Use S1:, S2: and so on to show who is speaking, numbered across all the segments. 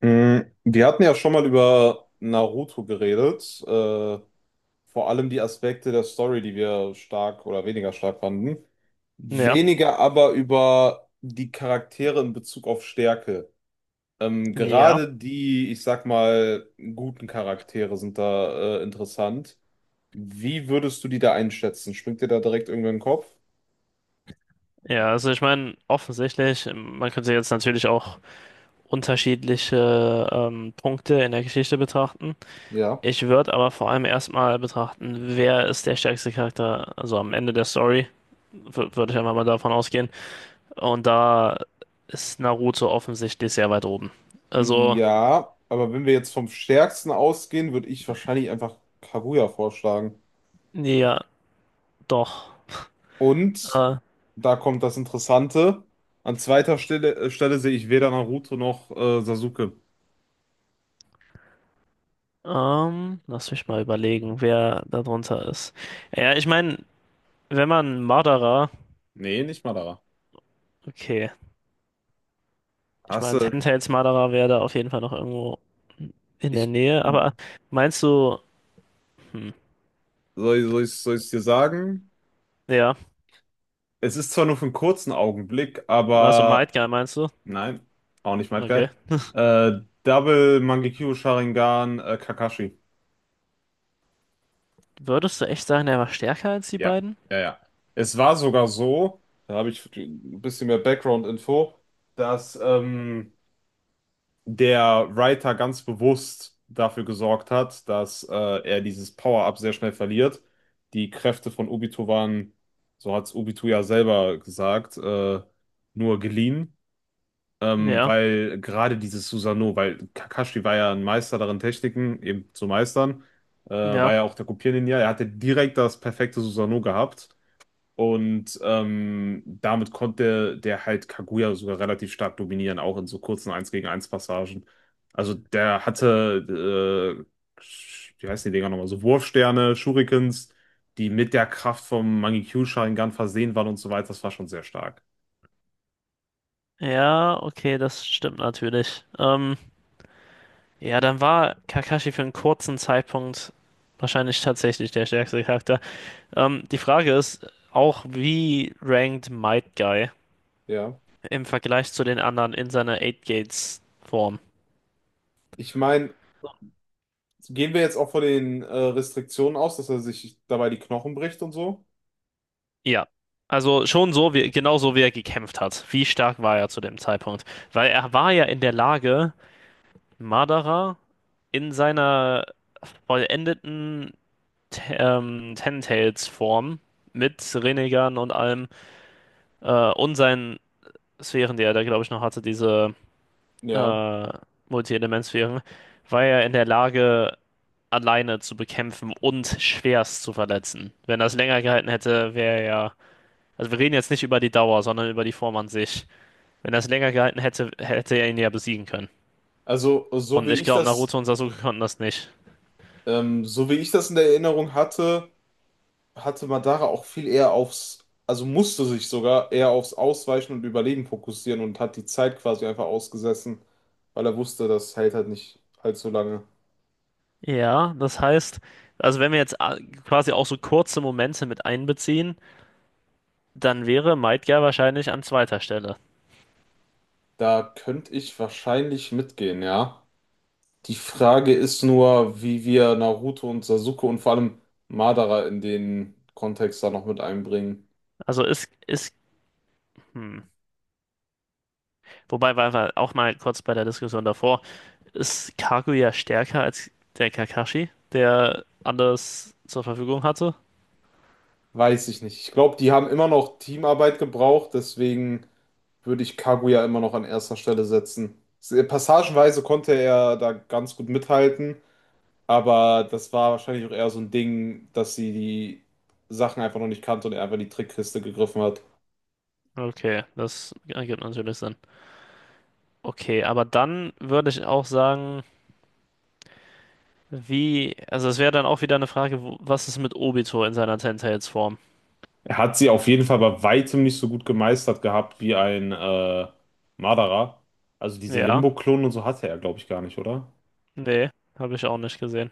S1: Wir hatten ja schon mal über Naruto geredet, vor allem die Aspekte der Story, die wir stark oder weniger stark fanden.
S2: Ja,
S1: Weniger aber über die Charaktere in Bezug auf Stärke.
S2: ja,
S1: Gerade die, ich sag mal, guten Charaktere sind da interessant. Wie würdest du die da einschätzen? Springt dir da direkt irgendwer in den Kopf?
S2: ja. Also ich meine, offensichtlich, man könnte jetzt natürlich auch unterschiedliche Punkte in der Geschichte betrachten.
S1: Ja.
S2: Ich würde aber vor allem erstmal betrachten, wer ist der stärkste Charakter, also am Ende der Story, würde ich einfach mal davon ausgehen. Und da ist Naruto offensichtlich sehr weit oben. Also,
S1: Ja, aber wenn wir jetzt vom Stärksten ausgehen, würde ich wahrscheinlich einfach Kaguya vorschlagen.
S2: ja, doch.
S1: Und
S2: Äh,
S1: da kommt das Interessante. An zweiter Stelle, Stelle sehe ich weder Naruto noch Sasuke.
S2: lass mich mal überlegen, wer da drunter ist. Ja, ich meine, wenn man Madara,
S1: Nee, nicht Madara.
S2: okay. Ich
S1: Hast
S2: meine,
S1: du,
S2: Telltales Marderer wäre da auf jeden Fall noch irgendwo in der
S1: ich,
S2: Nähe. Aber meinst du, hm,
S1: soll, soll ich dir sagen?
S2: ja,
S1: Es ist zwar nur für einen kurzen Augenblick,
S2: also
S1: aber
S2: Might Guy meinst du?
S1: nein, auch nicht mal
S2: Okay.
S1: geil. Double Mangekyou Sharingan Kakashi.
S2: Würdest du echt sagen, er war stärker als die
S1: Ja,
S2: beiden?
S1: ja, ja. Es war sogar so, da habe ich ein bisschen mehr Background-Info, dass der Writer ganz bewusst dafür gesorgt hat, dass er dieses Power-Up sehr schnell verliert. Die Kräfte von Obito waren, so hat es Obito ja selber gesagt, nur geliehen,
S2: Ja,
S1: weil gerade dieses Susanoo, weil Kakashi war ja ein Meister darin, Techniken eben zu meistern,
S2: ja.
S1: war ja auch der Kopierninja, er hatte direkt das perfekte Susanoo gehabt. Und damit konnte der halt Kaguya sogar relativ stark dominieren, auch in so kurzen eins gegen eins Passagen. Also der hatte, äh, wie heißen die Dinger nochmal, so Wurfsterne, Shurikens, die mit der Kraft vom Mangekyou-Sharingan versehen waren und so weiter. Das war schon sehr stark.
S2: Ja, okay, das stimmt natürlich. Ja, dann war Kakashi für einen kurzen Zeitpunkt wahrscheinlich tatsächlich der stärkste Charakter. Die Frage ist auch, wie rankt Might Guy
S1: Ja.
S2: im Vergleich zu den anderen in seiner Eight Gates Form?
S1: Ich meine, gehen wir jetzt auch von den Restriktionen aus, dass er sich dabei die Knochen bricht und so?
S2: Ja, also schon so, wie, genau so, wie er gekämpft hat. Wie stark war er zu dem Zeitpunkt? Weil er war ja in der Lage, Madara in seiner vollendeten Ten Tails Form mit Rinnegan und allem und seinen Sphären, die er da, glaube ich, noch hatte, diese
S1: Ja.
S2: äh, Multi-Element-Sphären, war er in der Lage, alleine zu bekämpfen und schwerst zu verletzen. Wenn das länger gehalten hätte, wäre er ja. Also wir reden jetzt nicht über die Dauer, sondern über die Form an sich. Wenn er es länger gehalten hätte, hätte er ihn ja besiegen können.
S1: Also, so wie
S2: Und ich
S1: ich
S2: glaube,
S1: das,
S2: Naruto und Sasuke konnten das nicht.
S1: so wie ich das in der Erinnerung hatte, hatte Madara auch viel eher aufs, also musste sich sogar eher aufs Ausweichen und Überleben fokussieren und hat die Zeit quasi einfach ausgesessen, weil er wusste, das hält halt nicht allzu lange.
S2: Ja, das heißt, also wenn wir jetzt quasi auch so kurze Momente mit einbeziehen, dann wäre Madara wahrscheinlich an zweiter Stelle.
S1: Da könnte ich wahrscheinlich mitgehen, ja. Die Frage ist nur, wie wir Naruto und Sasuke und vor allem Madara in den Kontext da noch mit einbringen.
S2: Also ist, hm. Wobei, weil wir auch mal kurz bei der Diskussion davor, ist Kaguya stärker als der Kakashi, der alles zur Verfügung hatte?
S1: Weiß ich nicht. Ich glaube, die haben immer noch Teamarbeit gebraucht, deswegen würde ich Kaguya ja immer noch an erster Stelle setzen. Passagenweise konnte er da ganz gut mithalten, aber das war wahrscheinlich auch eher so ein Ding, dass sie die Sachen einfach noch nicht kannte und er einfach in die Trickkiste gegriffen hat.
S2: Okay, das ergibt natürlich Sinn. Okay, aber dann würde ich auch sagen, wie, also es wäre dann auch wieder eine Frage, wo, was ist mit Obito in seiner Ten-Tails-Form?
S1: Er hat sie auf jeden Fall bei weitem nicht so gut gemeistert gehabt wie ein Madara. Also diese
S2: Ja,
S1: Limbo-Klonen und so hatte er, glaube ich, gar nicht, oder?
S2: nee, habe ich auch nicht gesehen.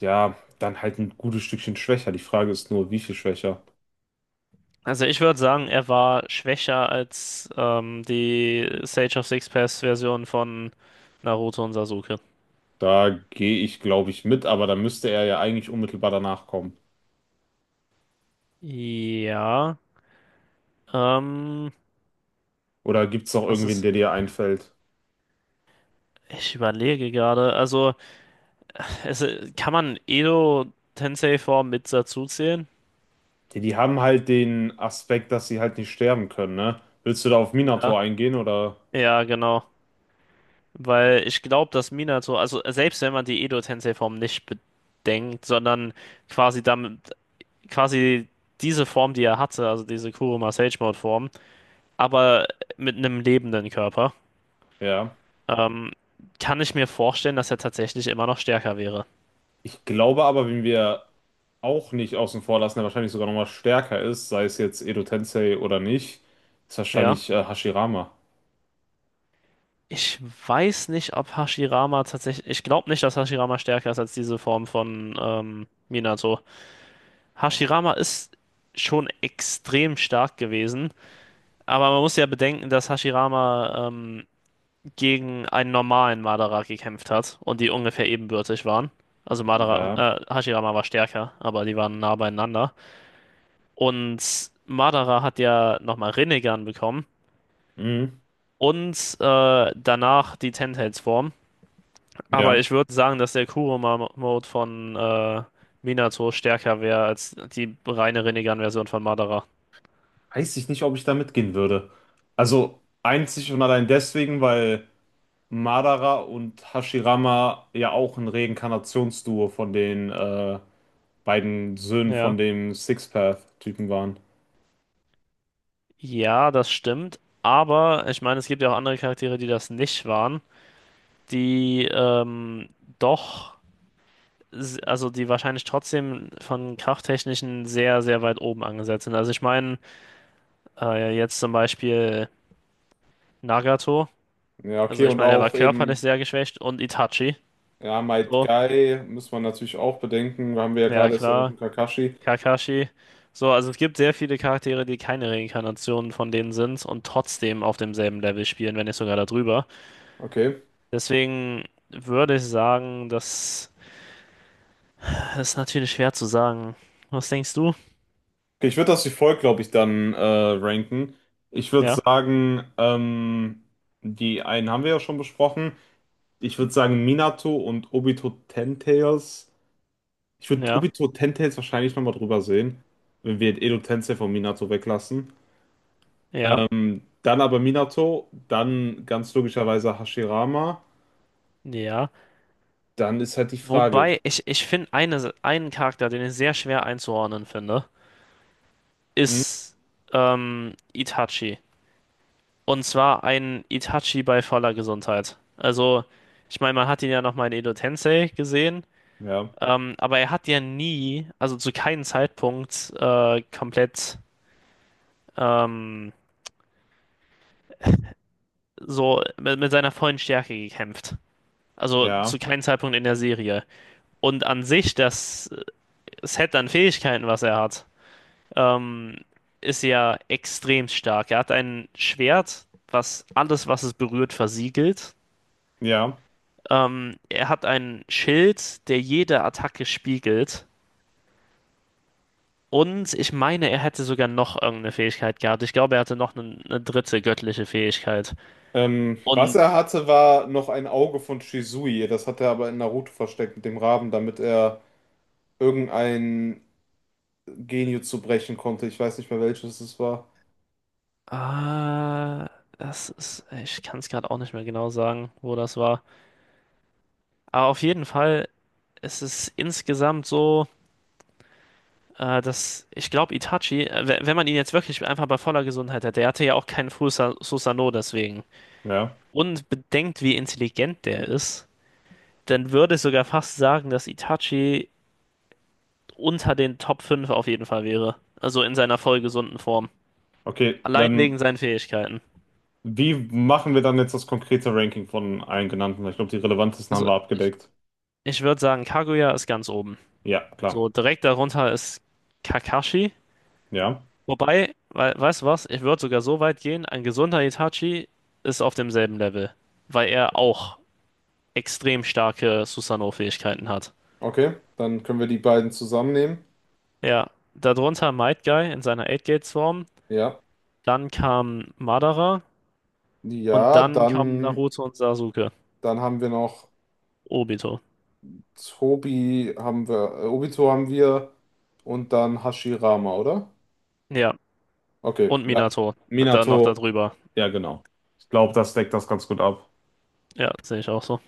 S1: Ja, dann halt ein gutes Stückchen schwächer. Die Frage ist nur, wie viel schwächer?
S2: Also ich würde sagen, er war schwächer als die Sage of Six Paths-Version von Naruto und Sasuke.
S1: Da gehe ich, glaube ich, mit, aber da müsste er ja eigentlich unmittelbar danach kommen.
S2: Ja, ähm,
S1: Oder gibt es noch
S2: das
S1: irgendwen,
S2: ist,
S1: der dir einfällt?
S2: ich überlege gerade, also es, kann man Edo Tensei-Form mit dazu zählen?
S1: Die, die haben halt den Aspekt, dass sie halt nicht sterben können, ne? Willst du da auf
S2: Ja,
S1: Minato eingehen oder?
S2: ja, genau. Weil ich glaube, dass Minato, also selbst wenn man die Edo-Tensei-Form nicht bedenkt, sondern quasi damit, quasi diese Form, die er hatte, also diese Kuruma Sage Mode-Form, aber mit einem lebenden Körper,
S1: Ja.
S2: ähm, kann ich mir vorstellen, dass er tatsächlich immer noch stärker wäre.
S1: Ich glaube aber, wenn wir auch nicht außen vor lassen, der wahrscheinlich sogar nochmal stärker ist, sei es jetzt Edo Tensei oder nicht, ist
S2: Ja.
S1: wahrscheinlich Hashirama.
S2: Ich weiß nicht, ob Hashirama tatsächlich. Ich glaube nicht, dass Hashirama stärker ist als diese Form von Minato.
S1: Oh.
S2: Hashirama ist schon extrem stark gewesen. Aber man muss ja bedenken, dass Hashirama gegen einen normalen Madara gekämpft hat und die ungefähr ebenbürtig waren. Also Madara,
S1: Ja.
S2: Hashirama war stärker, aber die waren nah beieinander. Und Madara hat ja nochmal Rinnegan bekommen
S1: Mhm.
S2: und danach die Ten-Tails-Form. Aber
S1: Ja.
S2: ich würde sagen, dass der Kurama-Mode von Minato stärker wäre als die reine Rinnegan-Version von Madara.
S1: Weiß ich nicht, ob ich da mitgehen würde. Also einzig und allein deswegen, weil Madara und Hashirama ja auch ein Reinkarnationsduo von den beiden Söhnen
S2: Ja.
S1: von dem Six Path typen waren.
S2: Ja, das stimmt. Aber ich meine, es gibt ja auch andere Charaktere, die das nicht waren, die doch, also die wahrscheinlich trotzdem von krafttechnischen sehr, sehr weit oben angesetzt sind. Also ich meine, jetzt zum Beispiel Nagato,
S1: Ja,
S2: also
S1: okay,
S2: ich
S1: und
S2: meine, er war
S1: auch
S2: körperlich
S1: eben,
S2: sehr geschwächt und Itachi,
S1: ja, Might
S2: so,
S1: Guy muss man natürlich auch bedenken. Haben wir ja
S2: ja
S1: gerade erst erwähnt,
S2: klar,
S1: und Kakashi.
S2: Kakashi, so, also es gibt sehr viele Charaktere, die keine Reinkarnationen von denen sind und trotzdem auf demselben Level spielen, wenn nicht sogar darüber.
S1: Okay.
S2: Deswegen würde ich sagen, das ist natürlich schwer zu sagen. Was denkst du?
S1: Okay, ich würde das wie folgt, glaube ich, dann ranken. Ich würde
S2: Ja,
S1: sagen, die einen haben wir ja schon besprochen. Ich würde sagen, Minato und Obito Ten Tails. Ich würde
S2: ja.
S1: Obito Tentails wahrscheinlich nochmal drüber sehen, wenn wir Edo Tensei von Minato weglassen.
S2: Ja.
S1: Dann aber Minato, dann ganz logischerweise Hashirama.
S2: Ja.
S1: Dann ist halt die Frage.
S2: Wobei, ich finde einen Charakter, den ich sehr schwer einzuordnen finde,
S1: Hm?
S2: ist Itachi. Und zwar ein Itachi bei voller Gesundheit. Also, ich meine, man hat ihn ja nochmal in Edo Tensei gesehen,
S1: Ja,
S2: aber er hat ja nie, also zu keinem Zeitpunkt, komplett ähm, so mit seiner vollen Stärke gekämpft. Also zu
S1: ja,
S2: keinem Zeitpunkt in der Serie. Und an sich, das Set an Fähigkeiten, was er hat. ähm, ist ja extrem stark. Er hat ein Schwert, was alles, was es berührt, versiegelt.
S1: ja.
S2: Er hat ein Schild, der jede Attacke spiegelt. Und ich meine, er hätte sogar noch irgendeine Fähigkeit gehabt. Ich glaube, er hatte noch eine dritte göttliche Fähigkeit.
S1: Was
S2: Und
S1: er hatte, war noch ein Auge von Shisui. Das hat er aber in Naruto versteckt mit dem Raben, damit er irgendein Genjutsu brechen konnte. Ich weiß nicht mehr welches es war.
S2: äh, das ist, ich kann es gerade auch nicht mehr genau sagen, wo das war. Aber auf jeden Fall ist es insgesamt so. Das, ich glaube, Itachi, wenn man ihn jetzt wirklich einfach bei voller Gesundheit hätte, der hatte ja auch keinen Susanoo deswegen.
S1: Ja,
S2: Und bedenkt, wie intelligent der ist, dann würde ich sogar fast sagen, dass Itachi unter den Top 5 auf jeden Fall wäre. Also in seiner voll gesunden Form.
S1: okay.
S2: Allein wegen seinen Fähigkeiten.
S1: Wie machen wir dann jetzt das konkrete Ranking von allen genannten? Weil ich glaube, die relevantesten haben
S2: Also
S1: wir
S2: ich,
S1: abgedeckt.
S2: ich würde sagen, Kaguya ist ganz oben.
S1: Ja, klar.
S2: So direkt darunter ist Kakashi.
S1: Ja.
S2: Wobei, weißt du was? Ich würde sogar so weit gehen, ein gesunder Itachi ist auf demselben Level, weil er auch extrem starke Susanoo-Fähigkeiten hat.
S1: Okay, dann können wir die beiden zusammennehmen.
S2: Ja, darunter Might Guy in seiner Eight gate form,
S1: Ja.
S2: dann kam Madara und
S1: Ja,
S2: dann kamen
S1: dann,
S2: Naruto und Sasuke,
S1: dann haben wir noch
S2: Obito.
S1: Tobi, haben wir, Obito haben wir und dann Hashirama, oder?
S2: Ja,
S1: Okay,
S2: und
S1: ja.
S2: Minato, dann noch
S1: Minato.
S2: darüber.
S1: Ja, genau. Ich glaube, das deckt das ganz gut ab.
S2: Ja, sehe ich auch so.